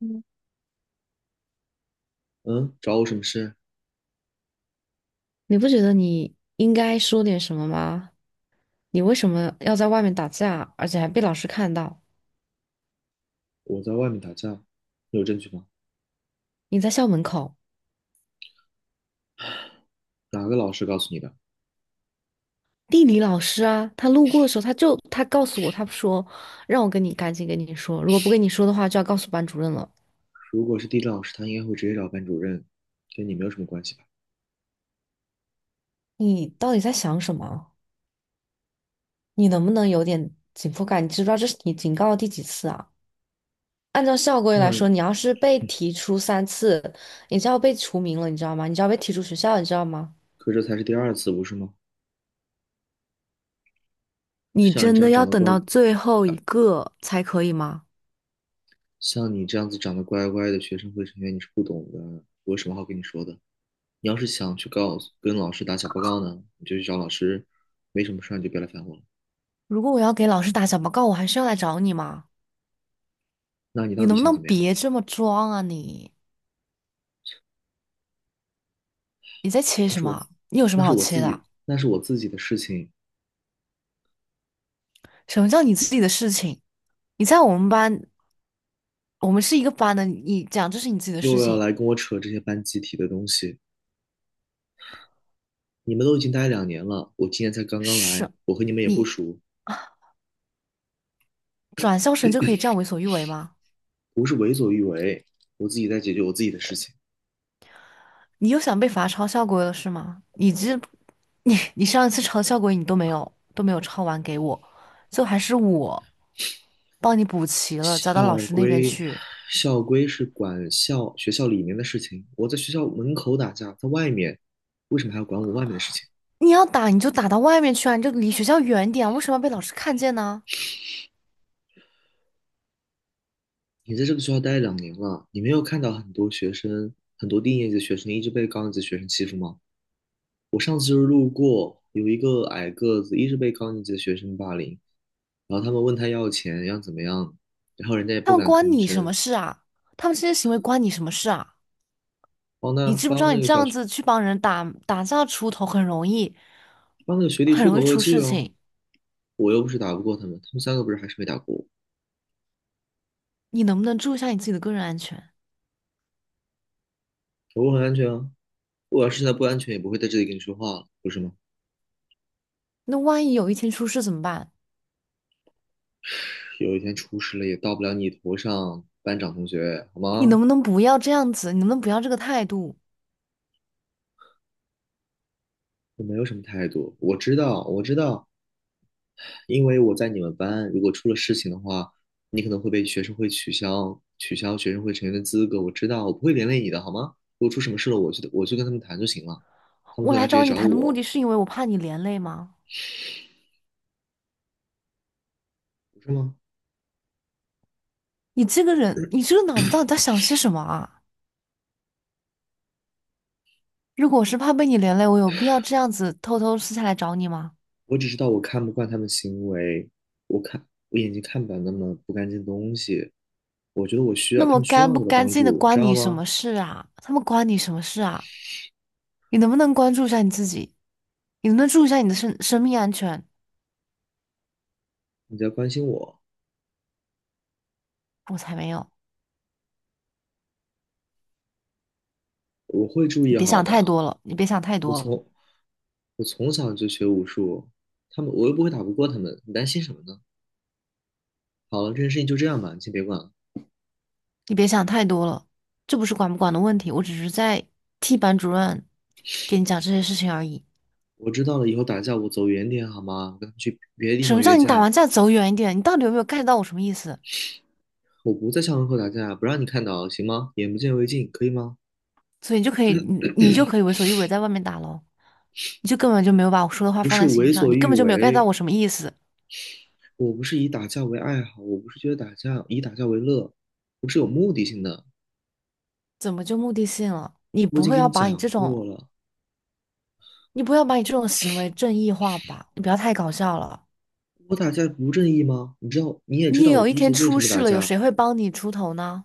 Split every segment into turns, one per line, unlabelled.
嗯，
嗯，找我什么事？
你不觉得你应该说点什么吗？你为什么要在外面打架，而且还被老师看到？
我在外面打架，你有证据吗？
你在校门口，
哪个老师告诉你的？
地理老师啊，他路过的时候，他告诉我，他说让我跟你赶紧跟你说，如果不跟你说的话，就要告诉班主任了。
如果是地理老师，他应该会直接找班主任，跟你没有什么关系吧？
你到底在想什么？你能不能有点紧迫感？你知不知道这是你警告的第几次啊？按照校规来
像，
说，你要是被提出三次，你就要被除名了，你知道吗？你就要被踢出学校，你知道吗？
可这才是第二次，不是吗？
你
像你
真
这
的
样
要
长得
等
乖，
到最后一个才可以吗？
像你这样子长得乖乖的学生会成员，你是不懂的，我有什么好跟你说的？你要是想去告诉跟老师打小报告呢，你就去找老师，没什么事儿你就别来烦我了。
如果我要给老师打小报告，我还是要来找你吗？
那你
你
到底
能不
想
能
怎么样？
别这么装啊你？你在切
那
什
是我自，
么？你有什么好切的啊？
那是我自己的事情，
什么叫你自己的事情？你在我们班，我们是一个班的，你讲这是你自己的事
又要
情，
来跟我扯这些班集体的东西。你们都已经待两年了，我今年才刚刚来，
是，
我和你们也不
你
熟，
转校生就可以这样为所欲为吗？
不是为所欲为，我自己在解决我自己的事情。
你又想被罚抄校规了是吗？你这，你上一次抄校规你都没有抄完给我，最后还是我。帮你补齐了，交到老
校
师那边
规，
去。
校规是管校学校里面的事情，我在学校门口打架，在外面，为什么还要管我外面的事情？
你要打你就打到外面去啊，你就离学校远点啊，为什么要被老师看见呢？
你在这个学校待两年了，你没有看到很多学生，很多低年级的学生一直被高年级的学生欺负吗？我上次就是路过，有一个矮个子一直被高年级的学生霸凌，然后他们问他要钱，要怎么样，然后人家也
他
不
们
敢
关
吭
你什么
声，
事啊？他们这些行为关你什么事啊？
帮他
你知不知
帮
道你
那个
这
小
样
学
子去帮人打打架出头很容易，
帮那个学弟
很
出
容
口
易
恶
出
气
事
了，
情。
我又不是打不过他们，他们三个不是还是没打过我，
你能不能注意一下你自己的个人安全？
我很安全啊。我要是现在不安全，也不会在这里跟你说话了，不是吗？
那万一有一天出事怎么办？
有一天出事了也到不了你头上，班长同学，好
你能
吗？
不能不要这样子？你能不能不要这个态度？
我没有什么态度，我知道，我知道，因为我在你们班，如果出了事情的话，你可能会被学生会取消学生会成员的资格。我知道，我不会连累你的，好吗？如果出什么事了，我去跟他们谈就行了，他们
我
会
来
来直接
找你
找
谈的目的
我，
是因为我怕你连累吗？
不是吗？
你这个人，你这个脑子到底在想些什么啊？如果我是怕被你连累，我有必要这样子偷偷私下来找你吗？
我只知道我看不惯他们行为，我看我眼睛看不了那么不干净的东西。我觉得我需
那
要他
么
们需要
干不
我的
干
帮
净的
助，知
关
道
你什
吗？
么事啊？他们关你什么事啊？你能不能关注一下你自己？你能不能注意一下你的生命安全？
你在关心我，
我才没有！
我会注
你
意
别
好
想太
的。
多了，你别想太
我
多
从
了，
我从小就学武术，他们我又不会打不过他们，你担心什么呢？好了，这件事情就这样吧，你先别管了。
你别想太多了。这不是管不管的问题，我只是在替班主任给你讲这些事情而已。
我知道了，以后打架我走远点好吗？我跟他们去别的地
什
方
么
约
叫你打完
架，
架走远一点？你到底有没有 get 到我什么意思？
我不在校门口打架，不让你看到，行吗？眼不见为净，可以吗？
所以你就可以，你就可以为所欲为，在外面打咯。你就根本就没有把我说的话
不
放
是
在心
为
上，
所
你根
欲
本就没有 get 到
为。
我什么意思，
我不是以打架为爱好，我不是觉得打架以打架为乐，我是有目的性的。
怎么就目的性了？你
我已
不
经
会
跟
要
你
把你
讲
这种，
过了，
你不要把你这种行为正义化吧？你不要太搞笑了。
我打架不正义吗？你知道，你也知
你
道我
有一
第一
天
次为
出
什么
事
打
了，有
架，
谁会帮你出头呢？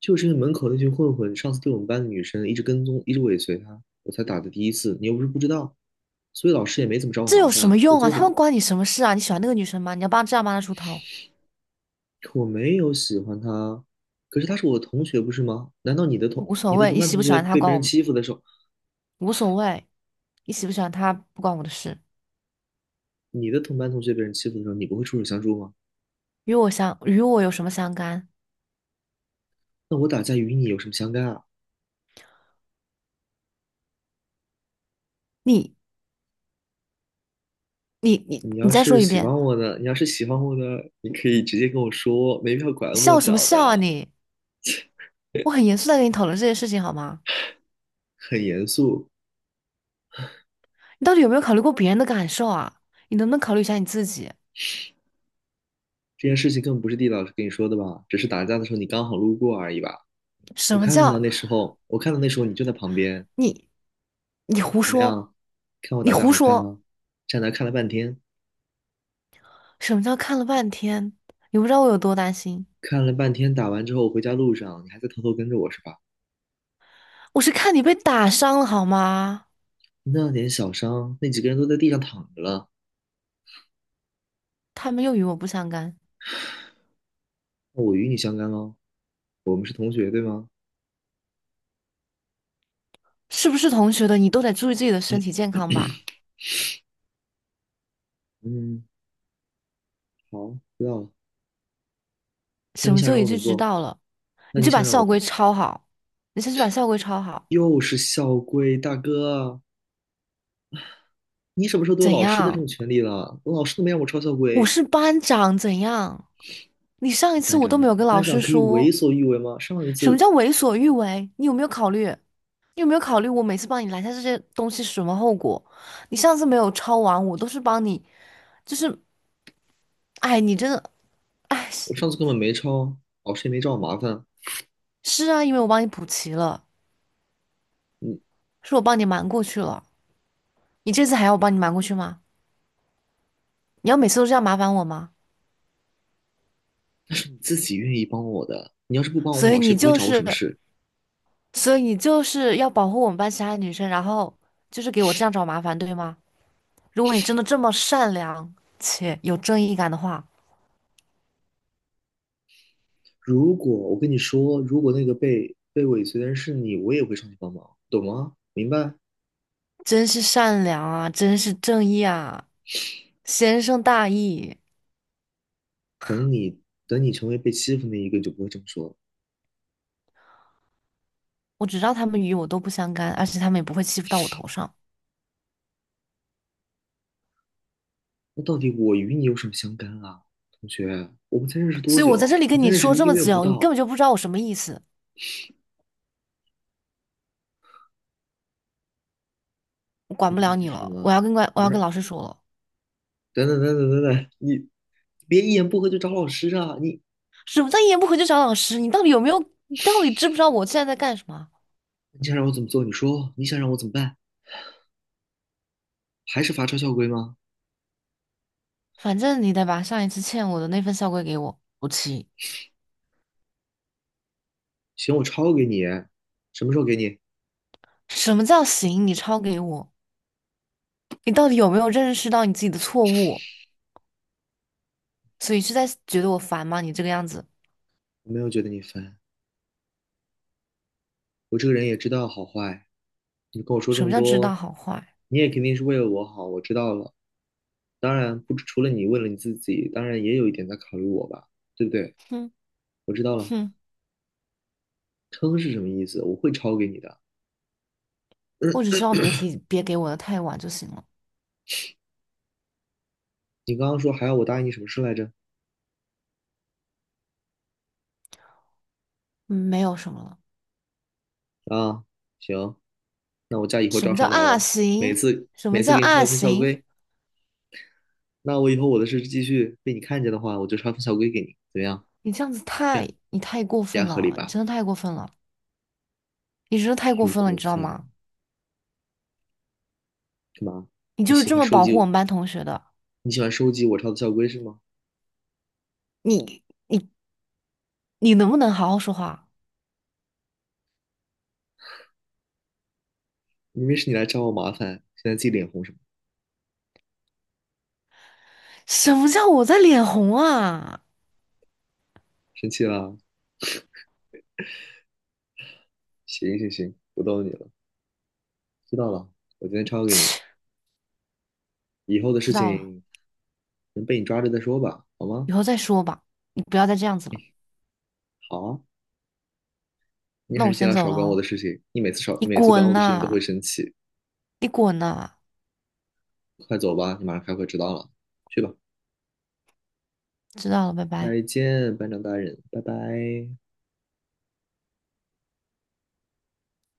就是因为门口那群混混上次对我们班的女生一直跟踪，一直尾随她，我才打的第一次。你又不是不知道，所以老师也没怎么找我
这
麻
有
烦
什
啊。
么
我
用啊？
做的，
他们关你什么事啊？你喜欢那个女生吗？你要帮这样帮她出头，
我没有喜欢他，可是他是我的同学，不是吗？难道
无所
你的
谓。
同
你
班
喜
同
不喜
学
欢她
被
关
别人
我
欺负的时候，
无所谓，你喜不喜欢她不关我的事，
你的同班同学被人欺负的时候，你不会出手相助吗？
与我有什么相干？
那我打架与你有什么相干啊？
你你你你再说一遍，
你要是喜欢我的，你可以直接跟我说，没必要拐
你
弯抹
笑什么
角
笑啊
的，
你？我很严肃在跟你讨论这件事情好吗？
很严肃。
你到底有没有考虑过别人的感受啊？你能不能考虑一下你自己？
这件事情更不是地老师跟你说的吧？只是打架的时候你刚好路过而已吧？
什么叫
我看到那时候你就在旁边，
你胡
怎么
说？
样？看我
你
打架
胡
好看
说！
吗？站那看了半天，
什么叫看了半天？你不知道我有多担心，
打完之后回家路上你还在偷偷跟着我是吧？
我是看你被打伤了好吗？
那点小伤，那几个人都在地上躺着了，
他们又与我不相干，
那我与你相干喽。我们是同学，对吗？
是不是同学的你都得注意自己的身
嗯
体健康吧？
嗯，好，知道了。那
什
你
么
想
就
让
一
我怎
句
么
知
做？
道了，
那
你
你
就把
想让我
校
怎
规
么做？
抄好，你先去把校规抄好，
又是校规，大哥，你什么时候都有
怎
老师的这
样？
种权利了？我老师都没让我抄校
我
规，
是班长，怎样？你上一次
班
我
长
都
呢？
没有跟老
班长
师
可以为
说。
所欲为吗？上一
什么
次
叫为所欲为？你有没有考虑？你有没有考虑我每次帮你拦下这些东西是什么后果？你上次没有抄完，我都是帮你，就是，哎，你真的，哎，是
我上次根本没抄，老师也没找我麻烦。
是啊，因为我帮你补齐了，
嗯，
是我帮你瞒过去了。你这次还要我帮你瞒过去吗？你要每次都这样麻烦我吗？
那是你自己愿意帮我的，你要是不帮我，
所
我
以
老师
你
也不会
就
找我什
是，
么事。
所以你就是要保护我们班其他女生，然后就是给我这样找麻烦，对吗？如果你真的这么善良且有正义感的话。
如果我跟你说，如果那个被尾随的人是你，我也会上去帮忙，懂吗？明白？
真是善良啊，真是正义啊，先生大义。
等你等你成为被欺负那一个，你就不会这么说了。
我只知道他们与我都不相干，而且他们也不会欺负到我头上，
那到底我与你有什么相干啊，同学？我们才认识
所
多
以我
久？
在这
我
里跟
们才
你
认识
说
一
这
个
么
月不
久，你根本
到。
就不知道我什么意思。我管
你
不
的意
了
思
你
是什
了，
么？
我
你要
要跟
让……
老师说了。
等等等等等等，你别一言不合就找老师啊！你
什么叫一言不合就找老师？你到底有没有？你到底知不知道我现在在干什么？
你想让我怎么做？你说你想让我怎么办？还是罚抄校规吗？
反正你得把上一次欠我的那份校规给我补齐。
行，我抄给你。什么时候给你？
什么叫行？你抄给我？你到底有没有认识到你自己的错误？所以是在觉得我烦吗？你这个样子，
我没有觉得你烦，我这个人也知道好坏。你跟我说这
什么
么
叫知道
多，
好坏？
你也肯定是为了我好，我知道了。当然，不，除了你为了你自己，当然也有一点在考虑我吧，对不对？
哼
我知道了，
哼，
撑是什么意思？我会抄给你的。
我只希望别提，别给我的太晚就行了。
你刚刚说还要我答应你什么事来着？
嗯没有什么了。
啊，行，那我家以后
什
照
么叫
常打
啊
喽。每
行？
次
什么
每次
叫
给你抄
啊
一份校
行？
规，那我以后我的事继续被你看见的话，我就抄份校规给你，怎么样？
你这样子
这
太，
样
你太过
这
分
样合理
了，你
吧？
真的太过分了，你真的太过
又
分了，你
过
知道
分了，
吗？
干嘛？
你
你
就是
喜
这
欢
么
收
保护我
集
们班同学的，
你喜欢收集我抄的校规是吗？
你你能不能好好说话？
明明是你来找我麻烦，现在自己脸红什么？
什么叫我在脸红啊？
生气啦？行行行，不逗你了，知道了，我今天抄给你，
切，
以后的事
知道了，
情能被你抓着再说吧，好
以
吗？
后再说吧。你不要再这样子了。
好，啊，你
那
还
我
是尽
先
量
走
少
了
管我
哦，
的事情。你每次少，
你
你每次管
滚
我的事情都
呐，
会生气。
你滚呐，
快走吧，你马上开会迟到了。去吧，
知道了，拜拜。
再见，班长大人，拜拜。